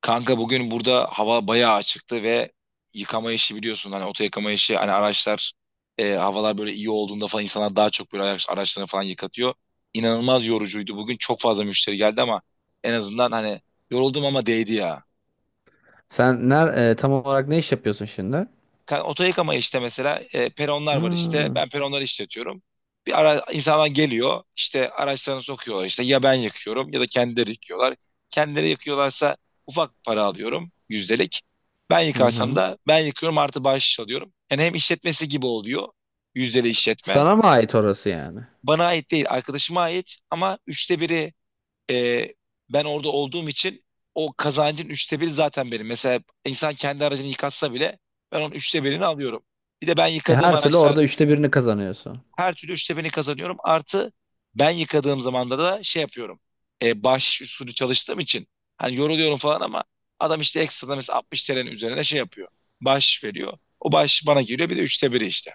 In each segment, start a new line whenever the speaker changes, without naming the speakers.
Kanka bugün burada hava bayağı açıktı ve yıkama işi biliyorsun, hani oto yıkama işi, hani araçlar havalar böyle iyi olduğunda falan insanlar daha çok böyle araçlarını falan yıkatıyor. İnanılmaz yorucuydu, bugün çok fazla müşteri geldi ama en azından, hani, yoruldum ama değdi ya.
Sen tam olarak ne iş yapıyorsun şimdi?
Oto işte, mesela peronlar var işte.
Hmm.
Ben peronları işletiyorum. Bir ara insanlar geliyor işte, araçlarını sokuyorlar işte, ya ben yakıyorum ya da kendileri yıkıyorlar. Kendileri yakıyorlarsa ufak para alıyorum, yüzdelik. Ben
Hı
yıkarsam
hı.
da ben yıkıyorum, artı bahşiş alıyorum. Yani hem işletmesi gibi oluyor, yüzdeli işletme.
Sana mı ait orası yani?
Bana ait değil, arkadaşıma ait ama üçte biri ee, ben orada olduğum için o kazancın üçte biri zaten benim. Mesela insan kendi aracını yıkatsa bile ben onun üçte birini alıyorum. Bir de ben yıkadığım
Her türlü
araçlar,
orada üçte birini kazanıyorsun.
her türlü üçte birini kazanıyorum. Artı ben yıkadığım zamanda da şey yapıyorum. Bahşiş usulü çalıştığım için hani yoruluyorum falan ama adam işte ekstra mesela 60 TL'nin üzerine şey yapıyor. Bahşiş veriyor. O bahşiş bana geliyor, bir de üçte biri işte.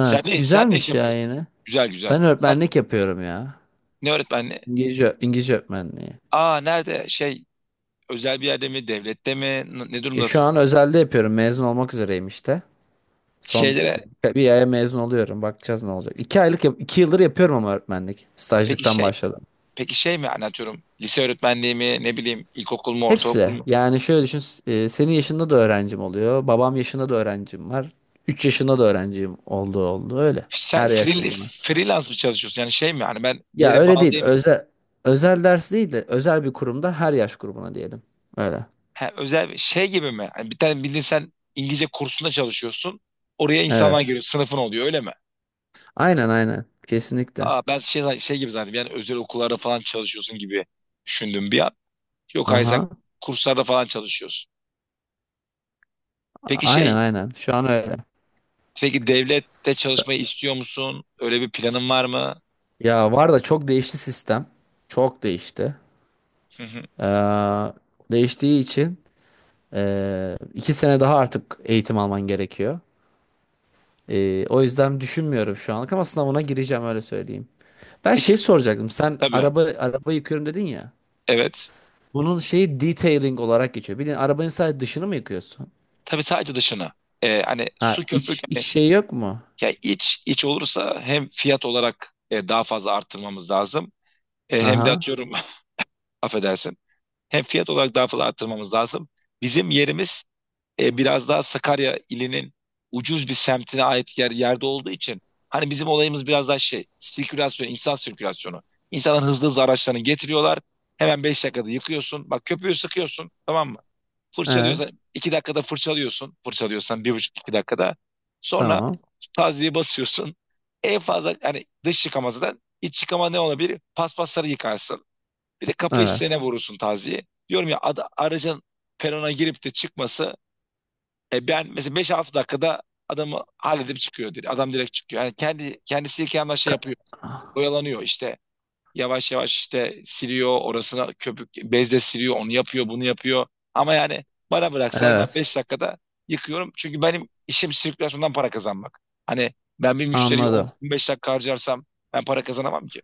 Sen ne iş
güzelmiş ya
yapıyorsun?
yine.
Güzel güzel.
Ben
Sen
öğretmenlik yapıyorum ya.
ne öğretmenliği?
İngilizce, İngilizce öğretmenliği.
Aa, nerede, şey, özel bir yerde mi, devlette mi, ne
Şu
durumdasın?
an özelde yapıyorum. Mezun olmak üzereyim işte. Son
Şeylere
bir aya mezun oluyorum. Bakacağız ne olacak. 2 aylık, 2 yıldır yapıyorum ama öğretmenlik.
peki
Stajlıktan
şey
başladım.
Peki, şey mi yani, atıyorum lise öğretmenliği mi, ne bileyim ilkokul mu, ortaokul
Hepsi.
mu?
Yani şöyle düşün, senin yaşında da öğrencim oluyor. Babam yaşında da öğrencim var. 3 yaşında da öğrencim oldu, öyle.
Sen
Her yaş grubuna.
freelance mı çalışıyorsun? Yani şey mi yani, ben bir
Ya
yere
öyle
bağlı
değil.
değil misin?
Özel ders değil de özel bir kurumda her yaş grubuna diyelim. Öyle.
Ha, özel bir şey gibi mi? Hani bir tane, bildiğin sen İngilizce kursunda çalışıyorsun. Oraya insanlar
Evet.
giriyor, sınıfın oluyor, öyle mi?
Aynen, aynen. Kesinlikle.
Aa, ben şey, şey gibi zannettim yani, özel okullarda falan çalışıyorsun gibi düşündüm bir an. Yok, hayır, sen
Aha.
kurslarda falan çalışıyorsun. Peki
Aynen,
şey
aynen. Şu an öyle.
Peki devlette çalışmayı istiyor musun? Öyle bir planın var mı?
Ya var da çok değişti sistem. Çok değişti.
Hı hı.
Ee, Değiştiği için 2 sene daha artık eğitim alman gerekiyor. O yüzden düşünmüyorum şu anlık, ama sınavına gireceğim öyle söyleyeyim. Ben
Peki,
şey soracaktım. Sen
tabii.
araba yıkıyorum dedin ya.
Evet.
Bunun şeyi detailing olarak geçiyor. Bildiğin arabanın sadece dışını mı yıkıyorsun?
Tabii, sadece dışına. Hani su
Ha, iç
köpük,
iç
hani,
şey yok mu?
ya iç iç olursa hem fiyat olarak daha fazla arttırmamız lazım. Hem de
Aha.
atıyorum affedersin. Hem fiyat olarak daha fazla arttırmamız lazım. Bizim yerimiz biraz daha Sakarya ilinin ucuz bir semtine ait yerde olduğu için, hani bizim olayımız biraz daha şey, sirkülasyon, insan sirkülasyonu. İnsanların hızlı hızlı araçlarını getiriyorlar. Hemen 5 dakikada yıkıyorsun. Bak, köpüğü sıkıyorsun, tamam mı?
Evet.
Fırçalıyorsan 2 dakikada fırçalıyorsun. Fırçalıyorsan bir buçuk 2 dakikada. Sonra
Tamam.
tazyiye basıyorsun. En fazla hani dış yıkamazdan iç yıkama ne olabilir? Paspasları yıkarsın. Bir de kapı
Evet.
hissene vurursun taziye. Diyorum ya, aracın perona girip de çıkması, ben mesela 5-6 dakikada adamı halledip çıkıyor direkt. Adam direkt çıkıyor. Yani kendi kendisi kendi şey
Ka-
yapıyor. Oyalanıyor işte. Yavaş yavaş işte siliyor, orasına köpük bezle siliyor. Onu yapıyor, bunu yapıyor. Ama yani bana bıraksa ben
Evet.
5 dakikada yıkıyorum. Çünkü benim işim sirkülasyondan para kazanmak. Hani ben bir müşteriyi
Anladım.
10-15 dakika harcarsam ben para kazanamam ki.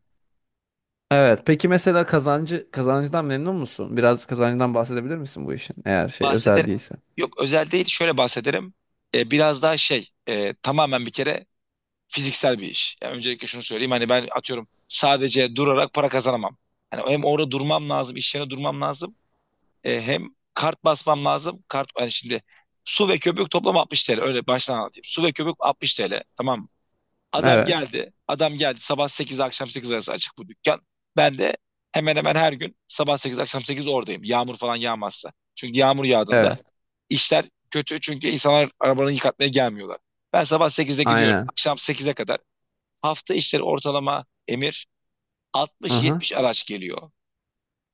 Evet. Peki mesela kazancından memnun musun? Biraz kazancından bahsedebilir misin bu işin? Eğer şey özel
Bahsederim.
değilse.
Yok, özel değil, şöyle bahsederim. Biraz daha şey, tamamen bir kere fiziksel bir iş. Yani öncelikle şunu söyleyeyim, hani ben atıyorum sadece durarak para kazanamam. Hani hem orada durmam lazım, iş yerine durmam lazım. Hem kart basmam lazım. Kart, hani, şimdi su ve köpük toplam 60 TL, öyle baştan anlatayım. Su ve köpük 60 TL, tamam mı?
Evet.
Adam geldi, sabah 8 akşam 8 arası açık bu dükkan. Ben de hemen hemen her gün sabah 8 akşam 8 oradayım, yağmur falan yağmazsa. Çünkü yağmur yağdığında
Evet.
işler kötü, çünkü insanlar arabalarını yıkatmaya gelmiyorlar. Ben sabah 8'de gidiyorum.
Aynen.
Akşam sekize kadar hafta işleri ortalama, Emir,
Aha.
60-70 araç geliyor.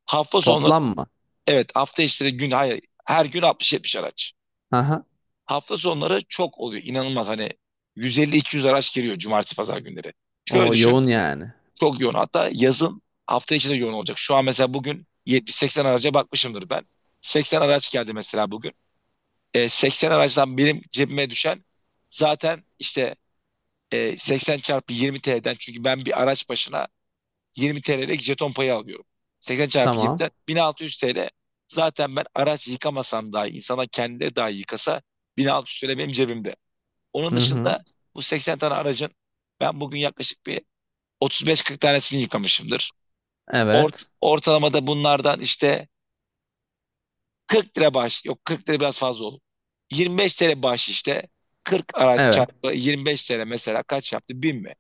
Hafta sonları,
Toplam mı?
evet hafta işleri gün hayır, her gün 60-70 araç.
Aha.
Hafta sonları çok oluyor, inanılmaz, hani 150-200 araç geliyor cumartesi pazar günleri. Şöyle
O
düşün,
yoğun yani.
çok yoğun, hatta yazın hafta içi de yoğun olacak. Şu an mesela bugün 70-80 araca bakmışımdır ben. 80 araç geldi mesela bugün. 80 aracdan benim cebime düşen, zaten işte 80 çarpı 20 TL'den, çünkü ben bir araç başına 20 TL'lik jeton payı alıyorum. 80 çarpı 20'den
Tamam.
1600 TL, zaten ben araç yıkamasam dahi, insana kendi dahi yıkasa, 1600 TL benim cebimde. Onun
Hı hı.
dışında bu 80 tane aracın ben bugün yaklaşık bir 35-40 tanesini yıkamışımdır.
Evet.
Ortalama da bunlardan işte 40 lira bağış. Yok, 40 lira biraz fazla olur. 25 lira bağış işte. 40 araç
Evet.
çarpı 25 lira, mesela kaç yaptı? 1000 mi?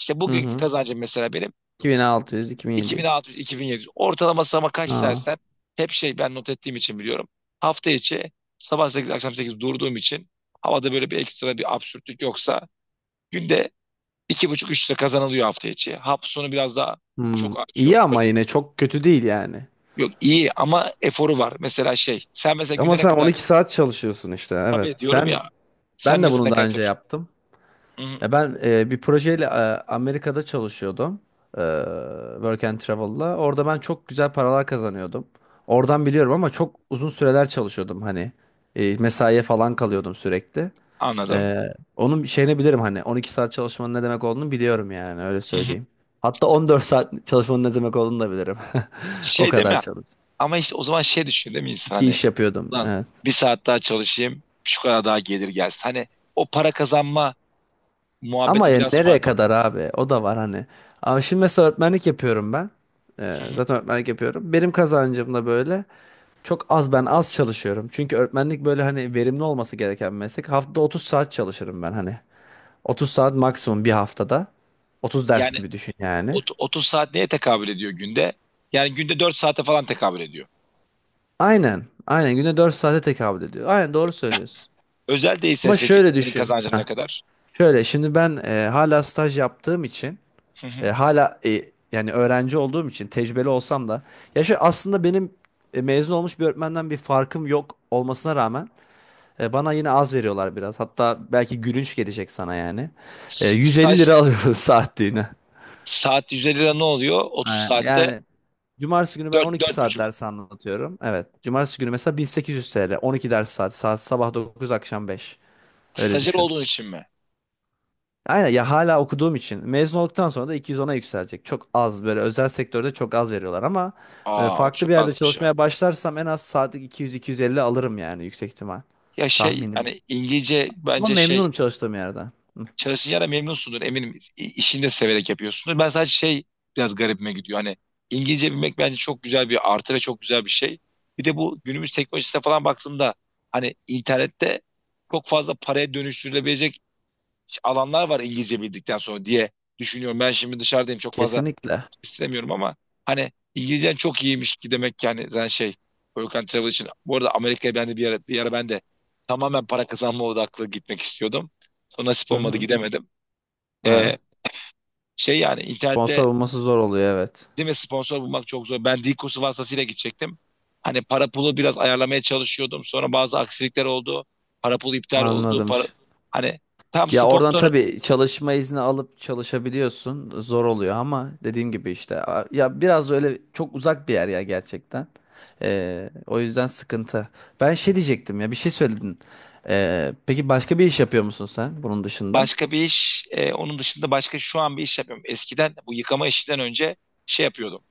İşte
Hı
bugünkü
hı.
kazancım mesela benim
2600, 2700.
2600-2700. Ortalaması ama, kaç
Aa.
istersen, hep şey, ben not ettiğim için biliyorum. Hafta içi sabah 8 akşam 8 durduğum için, havada böyle bir ekstra bir absürtlük yoksa günde iki buçuk üç lira kazanılıyor hafta içi. Hafta sonu biraz daha
Hmm.
çok artıyor.
İyi ama yine çok kötü değil yani.
Yok, iyi ama eforu var. Mesela, şey, sen mesela
Ama
günde ne
sen
kadar.
12 saat çalışıyorsun işte. Evet.
Tabii, diyorum
Ben
ya, sen
ben de
mesela
bunu
ne
daha
kadar
önce
çalışıyorsun?
yaptım.
Hı hı,
Ya ben bir projeyle Amerika'da çalışıyordum. E, Work and Travel'la. Orada ben çok güzel paralar kazanıyordum. Oradan biliyorum ama çok uzun süreler çalışıyordum hani. Mesaiye falan kalıyordum sürekli.
anladım.
Onun şeyini bilirim, hani 12 saat çalışmanın ne demek olduğunu biliyorum yani öyle
Hı hı.
söyleyeyim. Hatta 14 saat çalışmanın ne demek olduğunu da bilirim. O
Şey
kadar
deme,
çalıştım.
ama işte o zaman şey düşün değil mi insan,
İki
hani,
iş yapıyordum,
lan
evet.
bir saat daha çalışayım şu kadar daha gelir gelsin. Hani o para kazanma
Ama
muhabbeti
ya
biraz
nereye
farklı.
kadar abi? O da var hani. Abi şimdi mesela öğretmenlik yapıyorum ben.
Hı hı.
Zaten öğretmenlik yapıyorum. Benim kazancım da böyle. Çok az, ben az çalışıyorum. Çünkü öğretmenlik böyle hani verimli olması gereken bir meslek. Haftada 30 saat çalışırım ben hani. 30 saat maksimum bir haftada. 30 ders
Yani,
gibi düşün yani.
30 saat neye tekabül ediyor günde? Yani günde 4 saate falan tekabül ediyor.
Aynen. Aynen günde 4 saate tekabül ediyor. Aynen doğru söylüyorsun.
Özel değilse
Ama
peki
şöyle
senin
düşün.
kazancın
Heh.
ne kadar?
Şöyle şimdi ben, hala staj yaptığım için,
Hı hı.
hala, yani öğrenci olduğum için, tecrübeli olsam da, ya şu aslında benim, mezun olmuş bir öğretmenden bir farkım yok olmasına rağmen, bana yine az veriyorlar biraz. Hatta belki gülünç gelecek sana yani.
Staj
150 lira alıyorum saatliğine.
saat 150 lira ne oluyor? 30
Ha,
saatte
yani cumartesi günü ben
dört,
12
dört
saat
buçuk.
ders anlatıyorum. Evet. Cumartesi günü mesela 1800 TL. 12 ders saati. Saat sabah 9, akşam 5. Öyle
Stajyer
düşün.
olduğun için mi?
Aynen, ya hala okuduğum için. Mezun olduktan sonra da 210'a yükselecek. Çok az, böyle özel sektörde çok az veriyorlar ama
Aa, ama
farklı bir
çok
yerde
azmış.
çalışmaya başlarsam en az saatlik 200-250 alırım yani, yüksek ihtimal.
Ya, şey,
Tahminim.
hani, İngilizce
Ama
bence, şey,
memnunum çalıştığım yerden. Hı.
çalışacağına memnunsundur eminim, işini de severek yapıyorsundur. Ben sadece, şey, biraz garibime gidiyor, hani İngilizce bilmek bence çok güzel bir artı ve çok güzel bir şey. Bir de bu günümüz teknolojisine falan baktığında, hani internette çok fazla paraya dönüştürülebilecek alanlar var İngilizce bildikten sonra diye düşünüyorum. Ben şimdi dışarıdayım, çok fazla
Kesinlikle.
istemiyorum ama, hani İngilizcen çok iyiymiş ki, demek ki hani sen, şey, work and travel için bu arada Amerika'ya ben de bir ara ben de tamamen para kazanma odaklı gitmek istiyordum. Sonra nasip
Hı
olmadı,
hı.
gidemedim. Ee,
Evet.
Şey, yani internette
Sponsor olması zor oluyor evet.
değil mi, sponsor bulmak çok zor. Ben dil vasıtasıyla gidecektim. Hani para pulu biraz ayarlamaya çalışıyordum. Sonra bazı aksilikler oldu. Para pulu iptal oldu.
Anladım.
Para, hani, tam
Ya oradan
sponsor,
tabii çalışma izni alıp çalışabiliyorsun. Zor oluyor, ama dediğim gibi işte, ya biraz öyle çok uzak bir yer ya, gerçekten. O yüzden sıkıntı. Ben şey diyecektim ya, bir şey söyledin. Peki başka bir iş yapıyor musun sen bunun dışında?
başka bir iş. Onun dışında başka şu an bir iş yapıyorum. Eskiden, bu yıkama işinden önce, şey yapıyordum.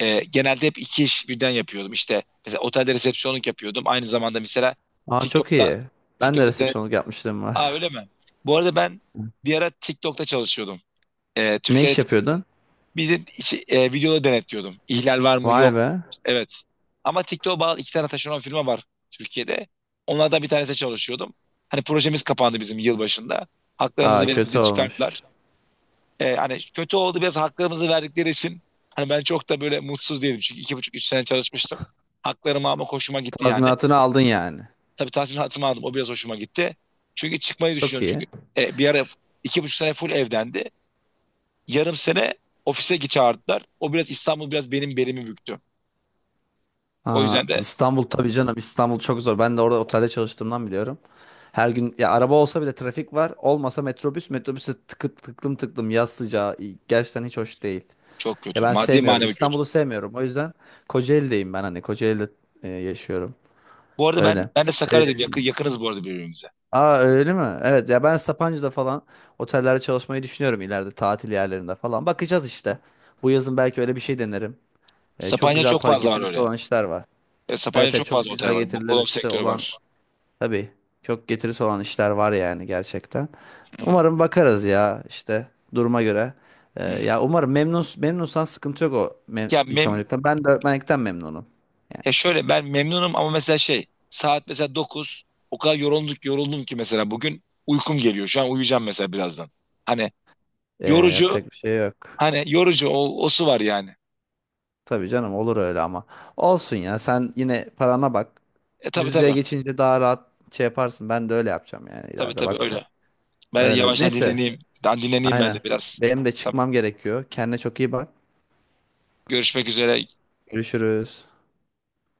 Genelde hep iki iş birden yapıyordum. İşte mesela otelde resepsiyonluk yapıyordum. Aynı zamanda mesela
Aa, çok
TikTok'ta
iyi. Ben de
TikTok'ta
resepsiyonluk yapmışlığım var.
Aa, öyle mi? Bu arada ben bir ara TikTok'ta çalışıyordum.
Ne iş
Türkiye'de,
yapıyordun?
bir de videoları denetliyordum. İhlal var mı?
Vay
Yok.
be.
Evet. Ama TikTok'a bağlı iki tane taşeron firma var Türkiye'de. Onlardan bir tanesi çalışıyordum. Hani projemiz kapandı bizim yılbaşında. Haklarımızı
Aa,
verip
kötü
bizi çıkarttılar.
olmuş.
Hani kötü oldu biraz, haklarımızı verdikleri için hani ben çok da böyle mutsuz değilim. Çünkü iki buçuk üç sene çalışmıştım. Haklarımı almak hoşuma gitti yani.
Tazminatını aldın yani.
Tabii, tazminatımı aldım. O biraz hoşuma gitti. Çünkü çıkmayı
Çok
düşünüyorum. Çünkü,
iyi.
bir ara iki buçuk sene full evdendi. Yarım sene ofise git çağırdılar. O biraz İstanbul biraz benim belimi büktü. O
Aa,
yüzden de
İstanbul tabii canım, İstanbul çok zor. Ben de orada otelde çalıştığımdan biliyorum. Her gün ya araba olsa bile trafik var. Olmasa metrobüse tıklım tıklım, yaz sıcağı, gerçekten hiç hoş değil.
çok
Ya
kötü.
ben
Maddi
sevmiyorum.
manevi kötü.
İstanbul'u sevmiyorum. O yüzden Kocaeli'deyim ben, hani Kocaeli'de yaşıyorum.
Bu arada ben,
Öyle.
ben de
E,
Sakarya'dayım. Yakınız bu arada birbirimize.
Aa, öyle mi? Evet, ya ben Sapanca'da falan otellerde çalışmayı düşünüyorum ileride, tatil yerlerinde falan. Bakacağız işte. Bu yazın belki öyle bir şey denerim. Çok
Sapanca
güzel
çok
para
fazla var
getirisi
öyle.
olan işler var.
Sapanca
Evet, evet,
çok
çok
fazla
güzel
otel var. Bungalov
getirileri
sektörü
olan.
var.
Tabii, çok getirisi olan işler var yani, gerçekten.
Hı hı,
Umarım bakarız ya, işte duruma göre.
hı hı.
Ya umarım, memnunsan sıkıntı yok o
Ya mem
yıkamacılıktan. Ben de öğretmenlikten memnunum.
Ya, şöyle, ben memnunum ama mesela şey saat mesela dokuz, o kadar yoruldum ki mesela bugün uykum geliyor. Şu an uyuyacağım mesela birazdan. Hani yorucu
Yapacak bir şey yok.
Hani yorucu, o su var yani.
Tabii canım, olur öyle ama. Olsun ya, sen yine parana bak.
Tabii
Yüz yüze
tabii,
geçince daha rahat şey yaparsın. Ben de öyle yapacağım yani,
tabii
ileride
tabii, öyle.
bakacağız.
Ben
Öyle.
yavaştan
Neyse,
dinleneyim. Ben dinleneyim ben de
aynen.
biraz.
Benim de
Tamam.
çıkmam gerekiyor. Kendine çok iyi bak.
Görüşmek üzere.
Görüşürüz.